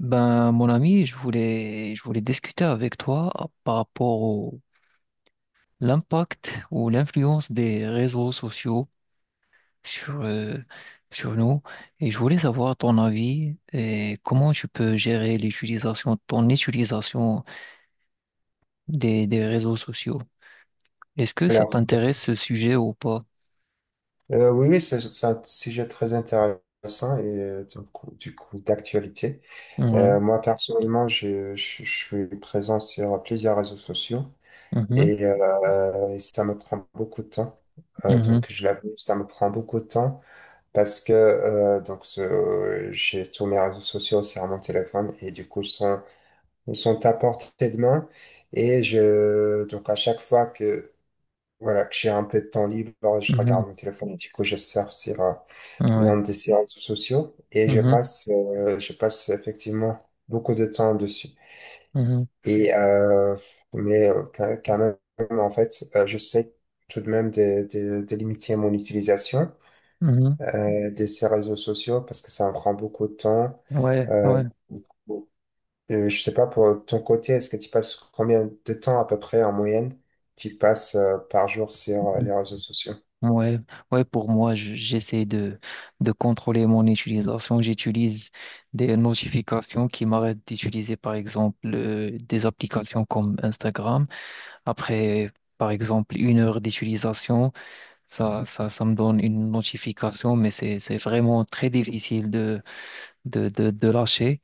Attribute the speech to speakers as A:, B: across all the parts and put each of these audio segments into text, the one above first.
A: Ben, mon ami, je voulais discuter avec toi par rapport au l'impact ou l'influence des réseaux sociaux sur, euh, sur nous. Et je voulais savoir ton avis et comment tu peux gérer l'utilisation, ton utilisation des réseaux sociaux. Est-ce que ça
B: Alors,
A: t'intéresse ce sujet ou pas?
B: oui, oui, c'est un sujet très intéressant et du coup, d'actualité.
A: Ouais.
B: Moi, personnellement, je suis présent sur plusieurs réseaux sociaux
A: Mhm.
B: et ça me prend beaucoup de temps. Donc,
A: Mhm.
B: je l'avoue, ça me prend beaucoup de temps parce que j'ai tous mes réseaux sociaux sur mon téléphone et du coup, ils sont à portée de main. Et donc, à chaque fois que voilà, que j'ai un peu de temps libre, je
A: Mhm.
B: regarde mon téléphone et du coup je surfe sur l'un
A: Ouais.
B: de ces réseaux sociaux et je
A: Mhm.
B: passe, euh, je passe effectivement beaucoup de temps dessus.
A: Mhm.
B: Et euh, mais quand même, en fait, je sais tout de même de limiter mon utilisation
A: Mhm.
B: de ces réseaux sociaux parce que ça me prend beaucoup de temps.
A: Ouais.
B: Euh,
A: Ouais.
B: je sais pas pour ton côté, est-ce que tu passes combien de temps à peu près en moyenne tu passes par jour sur les réseaux sociaux?
A: Ouais, ouais, pour moi, j'essaie de contrôler mon utilisation. J'utilise des notifications qui m'arrêtent d'utiliser, par exemple, des applications comme Instagram. Après, par exemple, 1 heure d'utilisation, ça me donne une notification, mais c'est vraiment très difficile de lâcher.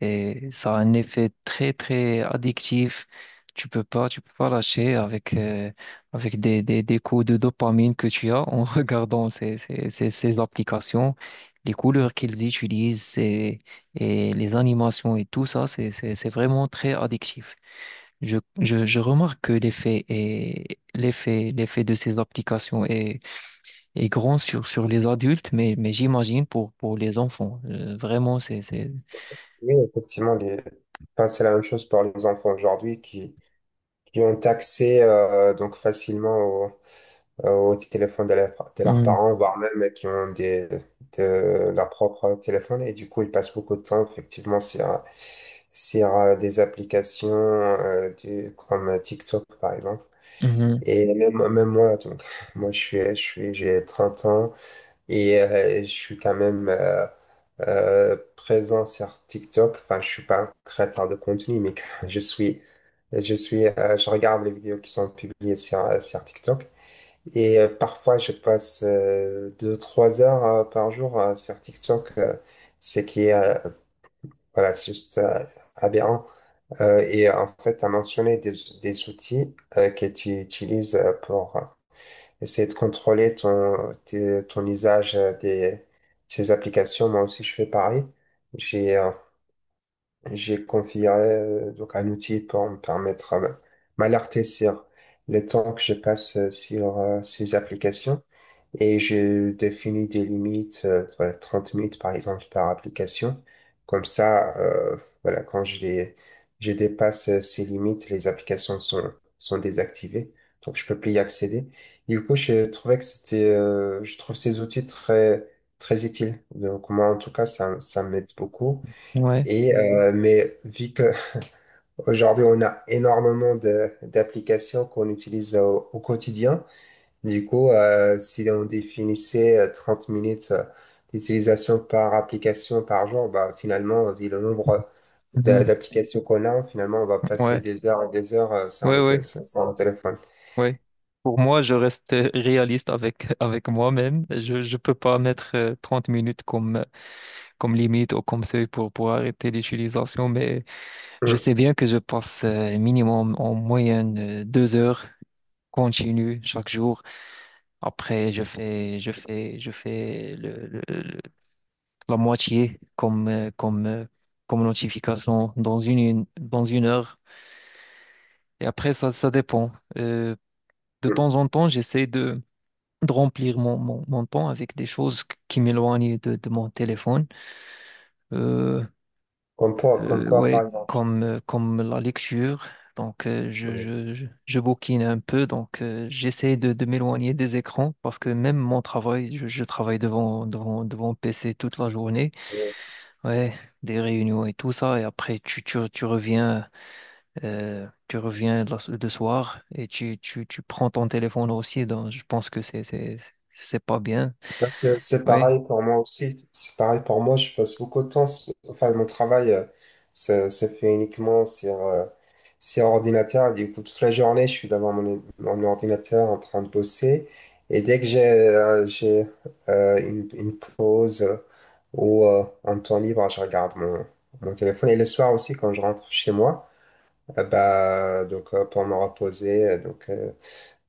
A: Et ça a un effet très, très addictif. Tu peux pas lâcher avec des coups de dopamine que tu as en regardant ces applications, les couleurs qu'ils utilisent et les animations et tout ça, c'est vraiment très addictif. Je remarque que l'effet de ces applications est grand sur les adultes, mais j'imagine pour les enfants. Vraiment.
B: Oui, effectivement, enfin, c'est la même chose pour les enfants aujourd'hui qui ont accès donc facilement au téléphone de leurs
A: Mhm,
B: parents, voire même qui ont de leur propre téléphone. Et du coup, ils passent beaucoup de temps effectivement sur, sur des applications comme TikTok, par exemple.
A: mhm,
B: Et même, même moi, donc, moi, j'ai 30 ans et je suis quand même présent sur TikTok. Enfin, je suis pas un créateur de contenu, mais je suis, je regarde les vidéos qui sont publiées sur, sur TikTok. Et parfois, je passe 2, 3 heures par jour sur TikTok. Ce qui est voilà, c'est juste aberrant. Et en fait, tu as mentionné des outils que tu utilises pour essayer de contrôler ton usage de ces applications. Moi aussi, je fais pareil. J'ai euh, j'ai configuré donc un outil pour me permettre m'alerter sur le temps que je passe sur ces applications et je définis des limites, voilà, 30 minutes par exemple par application. Comme ça, voilà, quand je dépasse ces limites, les applications sont désactivées, donc je peux plus y accéder. Du coup, je trouvais que c'était, je trouve ces outils très, très utiles. Donc moi, en tout cas, ça m'aide beaucoup.
A: ouais,
B: Mais vu que aujourd'hui on a énormément de d'applications qu'on utilise au quotidien, du coup si on définissait 30 minutes d'utilisation par application par jour, bah finalement vu le nombre d'a-
A: mhm,
B: d'applications qu'on a, finalement on va passer
A: ouais,
B: des heures et des heures sur
A: ouais, ouais,
B: notre sur nos téléphones.
A: ouais. Pour moi, je reste réaliste avec, avec moi-même. Je peux pas mettre 30 minutes comme limite ou comme seuil pour arrêter l'utilisation, mais je
B: Mm,
A: sais bien que je passe minimum en moyenne 2 heures continues chaque jour. Après, je fais la moitié comme notification dans une heure. Et après, ça dépend. Euh, de
B: mm.
A: temps en temps, j'essaie de remplir mon temps avec des choses qui m'éloignent de mon téléphone. Euh,
B: Comme quoi par
A: ouais,
B: exemple.
A: comme la lecture. Donc, je bouquine un peu. Donc, j'essaie de m'éloigner des écrans parce que même mon travail, je travaille devant PC toute la journée.
B: Mm.
A: Ouais, des réunions et tout ça. Et après, tu reviens. Tu reviens le soir et tu prends ton téléphone aussi, donc je pense que c'est pas bien.
B: Bah, c'est
A: Oui.
B: pareil pour moi aussi. C'est pareil pour moi. Je passe beaucoup de temps. Enfin, mon travail se fait uniquement sur ordinateur. Du coup, toute la journée, je suis devant mon ordinateur en train de bosser. Et dès que j'ai une pause ou en temps libre, je regarde mon téléphone. Et le soir aussi, quand je rentre chez moi, bah, donc, pour me reposer. Donc, euh,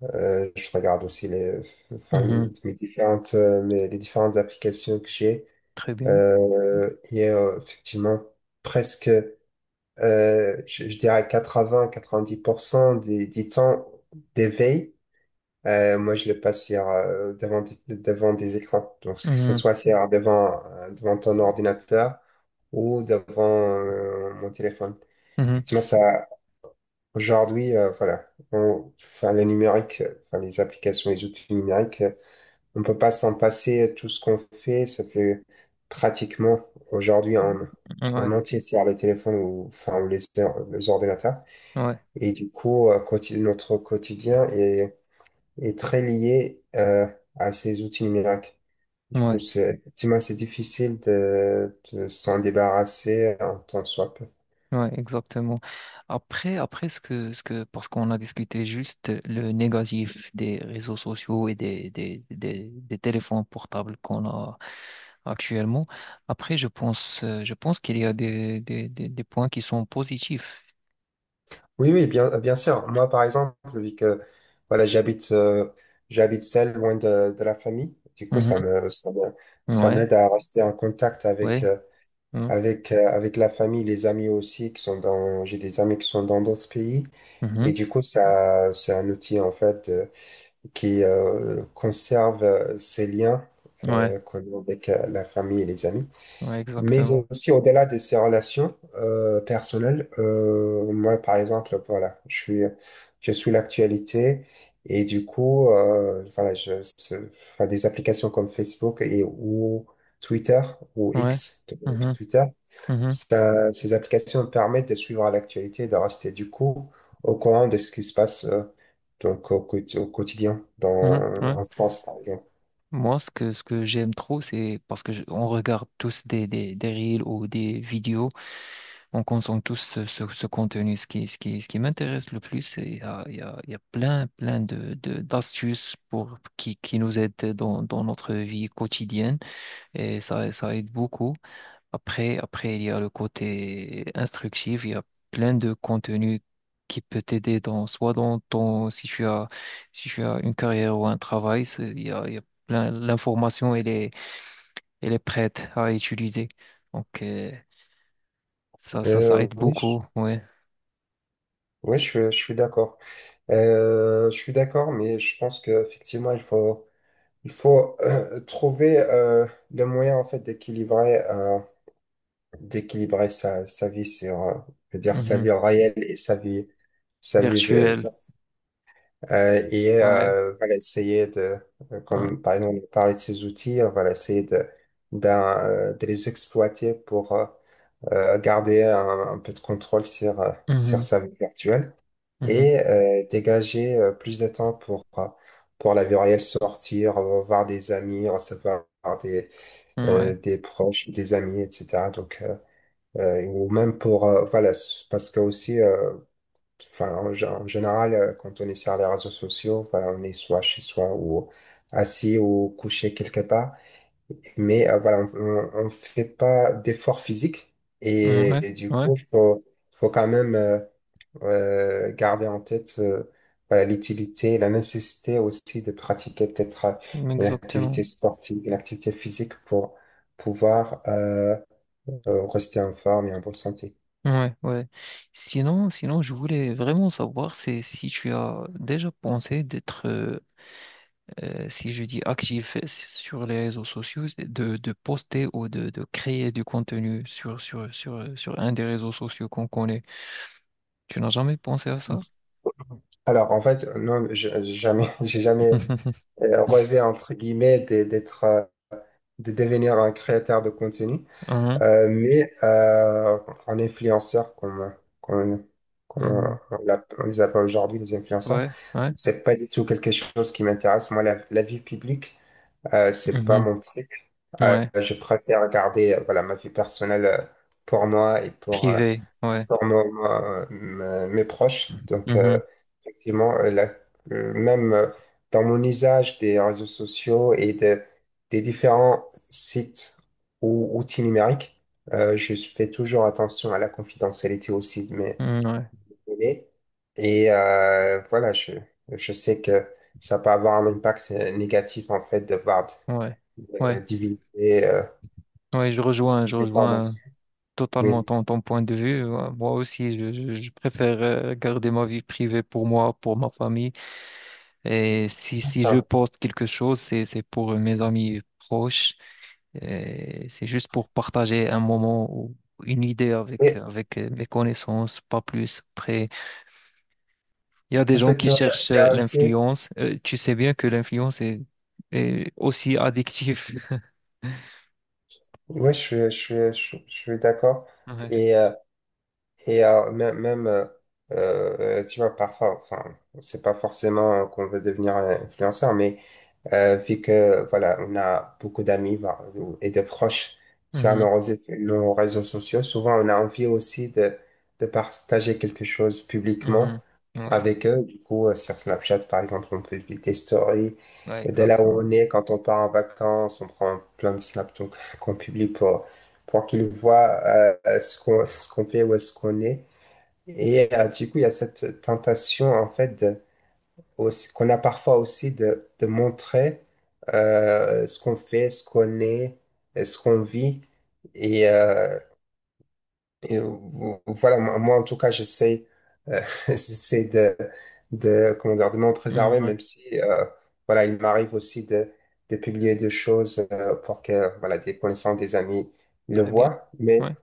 B: euh, je regarde aussi enfin,
A: Mhm.
B: les différentes applications que j'ai.
A: Très bien.
B: Et effectivement, presque, je dirais 80-90% du temps d'éveil, moi je le passe devant des écrans. Donc, que ce
A: Mhm.
B: soit devant ton ordinateur ou devant mon téléphone.
A: Mhm.
B: Effectivement, ça, aujourd'hui, voilà, enfin, le numérique, enfin, les applications, les outils numériques on peut pas s'en passer tout ce qu'on fait, ça fait pratiquement aujourd'hui en
A: Ouais,
B: entier sur les téléphones ou, enfin, les ordinateurs.
A: ouais,
B: Et du coup, notre quotidien est très lié à ces outils numériques. Du coup,
A: ouais,
B: c'est effectivement, c'est difficile de s'en débarrasser en tant que soit.
A: ouais, exactement. Après, parce qu'on a discuté juste le négatif des réseaux sociaux et des téléphones portables qu'on a actuellement. Après, je pense qu'il y a des points qui sont positifs.
B: Oui, oui, bien, bien sûr. Moi, par exemple, vu que voilà, j'habite seul, loin de la famille, du coup,
A: Mhm.
B: ça
A: Ouais,
B: m'aide à rester en contact avec
A: ouais.
B: euh,
A: Mhm.
B: avec euh, avec la famille, les amis aussi qui sont dans j'ai des amis qui sont dans d'autres pays et
A: Mhm.
B: du coup, ça c'est un outil en fait qui conserve ces liens
A: Ouais,
B: qu'on a avec la famille et les amis.
A: ouais,
B: Mais
A: exactement.
B: aussi au-delà de ces relations personnelles, moi par exemple, voilà, je suis l'actualité et du coup, voilà, enfin, des applications comme Facebook et ou Twitter ou
A: Ouais.
B: X,
A: Mhm.
B: Twitter,
A: Mhm.
B: ces applications permettent de suivre l'actualité et de rester du coup au courant de ce qui se passe donc au quotidien
A: Mhm. Ouais.
B: en France par exemple.
A: Moi, ce que j'aime trop, c'est parce que on regarde tous des reels ou des vidéos, on consomme tous ce contenu. Ce qui m'intéresse le plus, c'est il y a, il y a, il y a plein d'astuces qui nous aident dans notre vie quotidienne et ça aide beaucoup. Après, il y a le côté instructif, il y a plein de contenus qui peut t'aider soit dans ton, si tu as une carrière ou un travail, il y a l'information, elle est prête à utiliser. Donc, ça
B: Euh,
A: aide
B: oui,
A: beaucoup, ouais.
B: oui, je suis d'accord. Je suis d'accord, mais je pense qu'effectivement, il faut trouver le moyen en fait d'équilibrer sa vie je veux dire, sa
A: Mhm.
B: vie réelle et sa vie, sa vie vi-
A: Virtuel,
B: vi- euh,
A: ouais,
B: voilà, essayer
A: ouais.
B: comme par exemple, on parlait de ces outils, on va essayer de les exploiter pour garder un peu de contrôle sur
A: Mhm,
B: sa vie virtuelle
A: mhm,
B: et dégager plus de temps pour la vie réelle, sortir, voir des amis, recevoir des, euh,
A: ouais,
B: des proches, des amis, etc. Donc, ou même pour, voilà, parce que aussi, enfin, en général, quand on est sur les réseaux sociaux, voilà, on est soit chez soi ou assis ou couché quelque part, mais voilà, on ne fait pas d'effort physique et,
A: ouais,
B: et du coup, faut quand même. Garder en tête voilà, l'utilité, la nécessité aussi de pratiquer peut-être
A: ouais,
B: une
A: exactement.
B: activité sportive, une activité physique pour pouvoir rester en forme et en bonne santé.
A: Ouais, ouais. Sinon, je voulais vraiment savoir c'est si tu as déjà pensé si je dis actif sur les réseaux sociaux, c'est de poster ou de créer du contenu sur un des réseaux sociaux qu'on connaît. Tu n'as jamais pensé à ça?
B: Alors, en fait, non, j'ai jamais, j'ai jamais rêvé, entre guillemets, de devenir un créateur de contenu.
A: Mhm,
B: Mais en influenceur, comme, comme
A: mhm.
B: on les appelle aujourd'hui, les influenceurs,
A: Ouais, ouais.
B: c'est pas du tout quelque chose qui m'intéresse. Moi, la vie publique, c'est pas
A: Mhm,
B: mon truc. Euh,
A: ouais.
B: je préfère garder voilà, ma vie personnelle pour moi et pour, euh,
A: Privé, ouais.
B: pour mon- mon- me- mes proches. Donc,
A: Mhm,
B: effectivement, même dans mon usage des réseaux sociaux et des différents sites ou outils numériques, je fais toujours attention à la confidentialité aussi de mes
A: mhm, ouais,
B: données. Et voilà, je sais que ça peut avoir un impact négatif, en fait,
A: ouais.
B: de
A: Ouais,
B: divulguer
A: ouais, je rejoins, je
B: des
A: rejoins
B: informations.
A: totalement
B: Oui,
A: ton point de vue. Moi aussi, je préfère garder ma vie privée pour moi, pour ma famille. Et si je
B: ça.
A: poste quelque chose, c'est pour mes amis proches. Et c'est juste pour partager un moment ou une idée
B: Et
A: avec, avec mes connaissances, pas plus. Après, il y a des gens qui
B: effectivement, il y a
A: cherchent
B: il y a aussi.
A: l'influence. Tu sais bien que l'influence est aussi addictive.
B: Oui, je suis d'accord.
A: Ouais.
B: Et, euh, et même, même tu vois, parfois, enfin, c'est pas forcément qu'on veut devenir un influenceur, mais vu que, voilà, on a beaucoup d'amis et de proches sur
A: Mhm.
B: nos réseaux sociaux, souvent on a envie aussi de partager quelque chose publiquement
A: Mhm. Ouais.
B: avec eux. Du coup, sur Snapchat, par exemple, on publie des stories.
A: Ouais,
B: Et là où
A: exactement.
B: on est, quand on part en vacances, on prend plein de snaps donc, qu'on publie pour qu'ils voient ce qu'on fait, où est-ce qu'on est. Et du coup, il y a cette tentation, en fait, qu'on a parfois aussi de montrer ce qu'on fait, ce qu'on est, ce qu'on vit. Et, euh, et voilà, moi, moi, en tout cas, j'essaie euh, j'essaie comment dire, de m'en
A: Mhm.
B: préserver,
A: Ouais.
B: même si voilà, il m'arrive aussi de publier des choses pour que voilà, des connaissances, des amis le
A: Très bien.
B: voient. Mais
A: Ouais.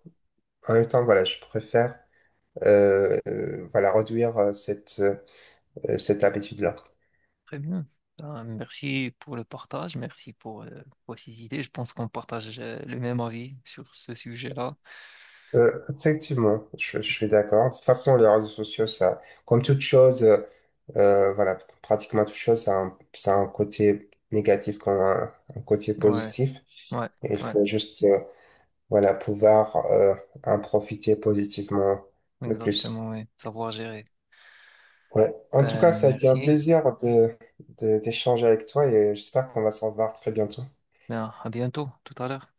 B: en même temps, voilà, je préfère voilà, réduire cette habitude-là.
A: Très bien. Ben, merci pour le partage, merci pour ces idées. Je pense qu'on partage le même avis sur ce sujet-là.
B: Euh, effectivement, je suis d'accord. De toute façon, les réseaux sociaux, ça, comme toute chose, voilà, pratiquement toute chose, ça a un, côté négatif comme un côté
A: Ouais,
B: positif.
A: ouais,
B: Et il
A: ouais,
B: faut juste, voilà, pouvoir en profiter positivement le plus.
A: exactement, ouais. Savoir gérer.
B: Ouais. En tout cas,
A: Ben,
B: ça a été un
A: merci.
B: plaisir d'échanger avec toi et j'espère qu'on va s'en voir très bientôt.
A: Ben, à bientôt, tout à l'heure.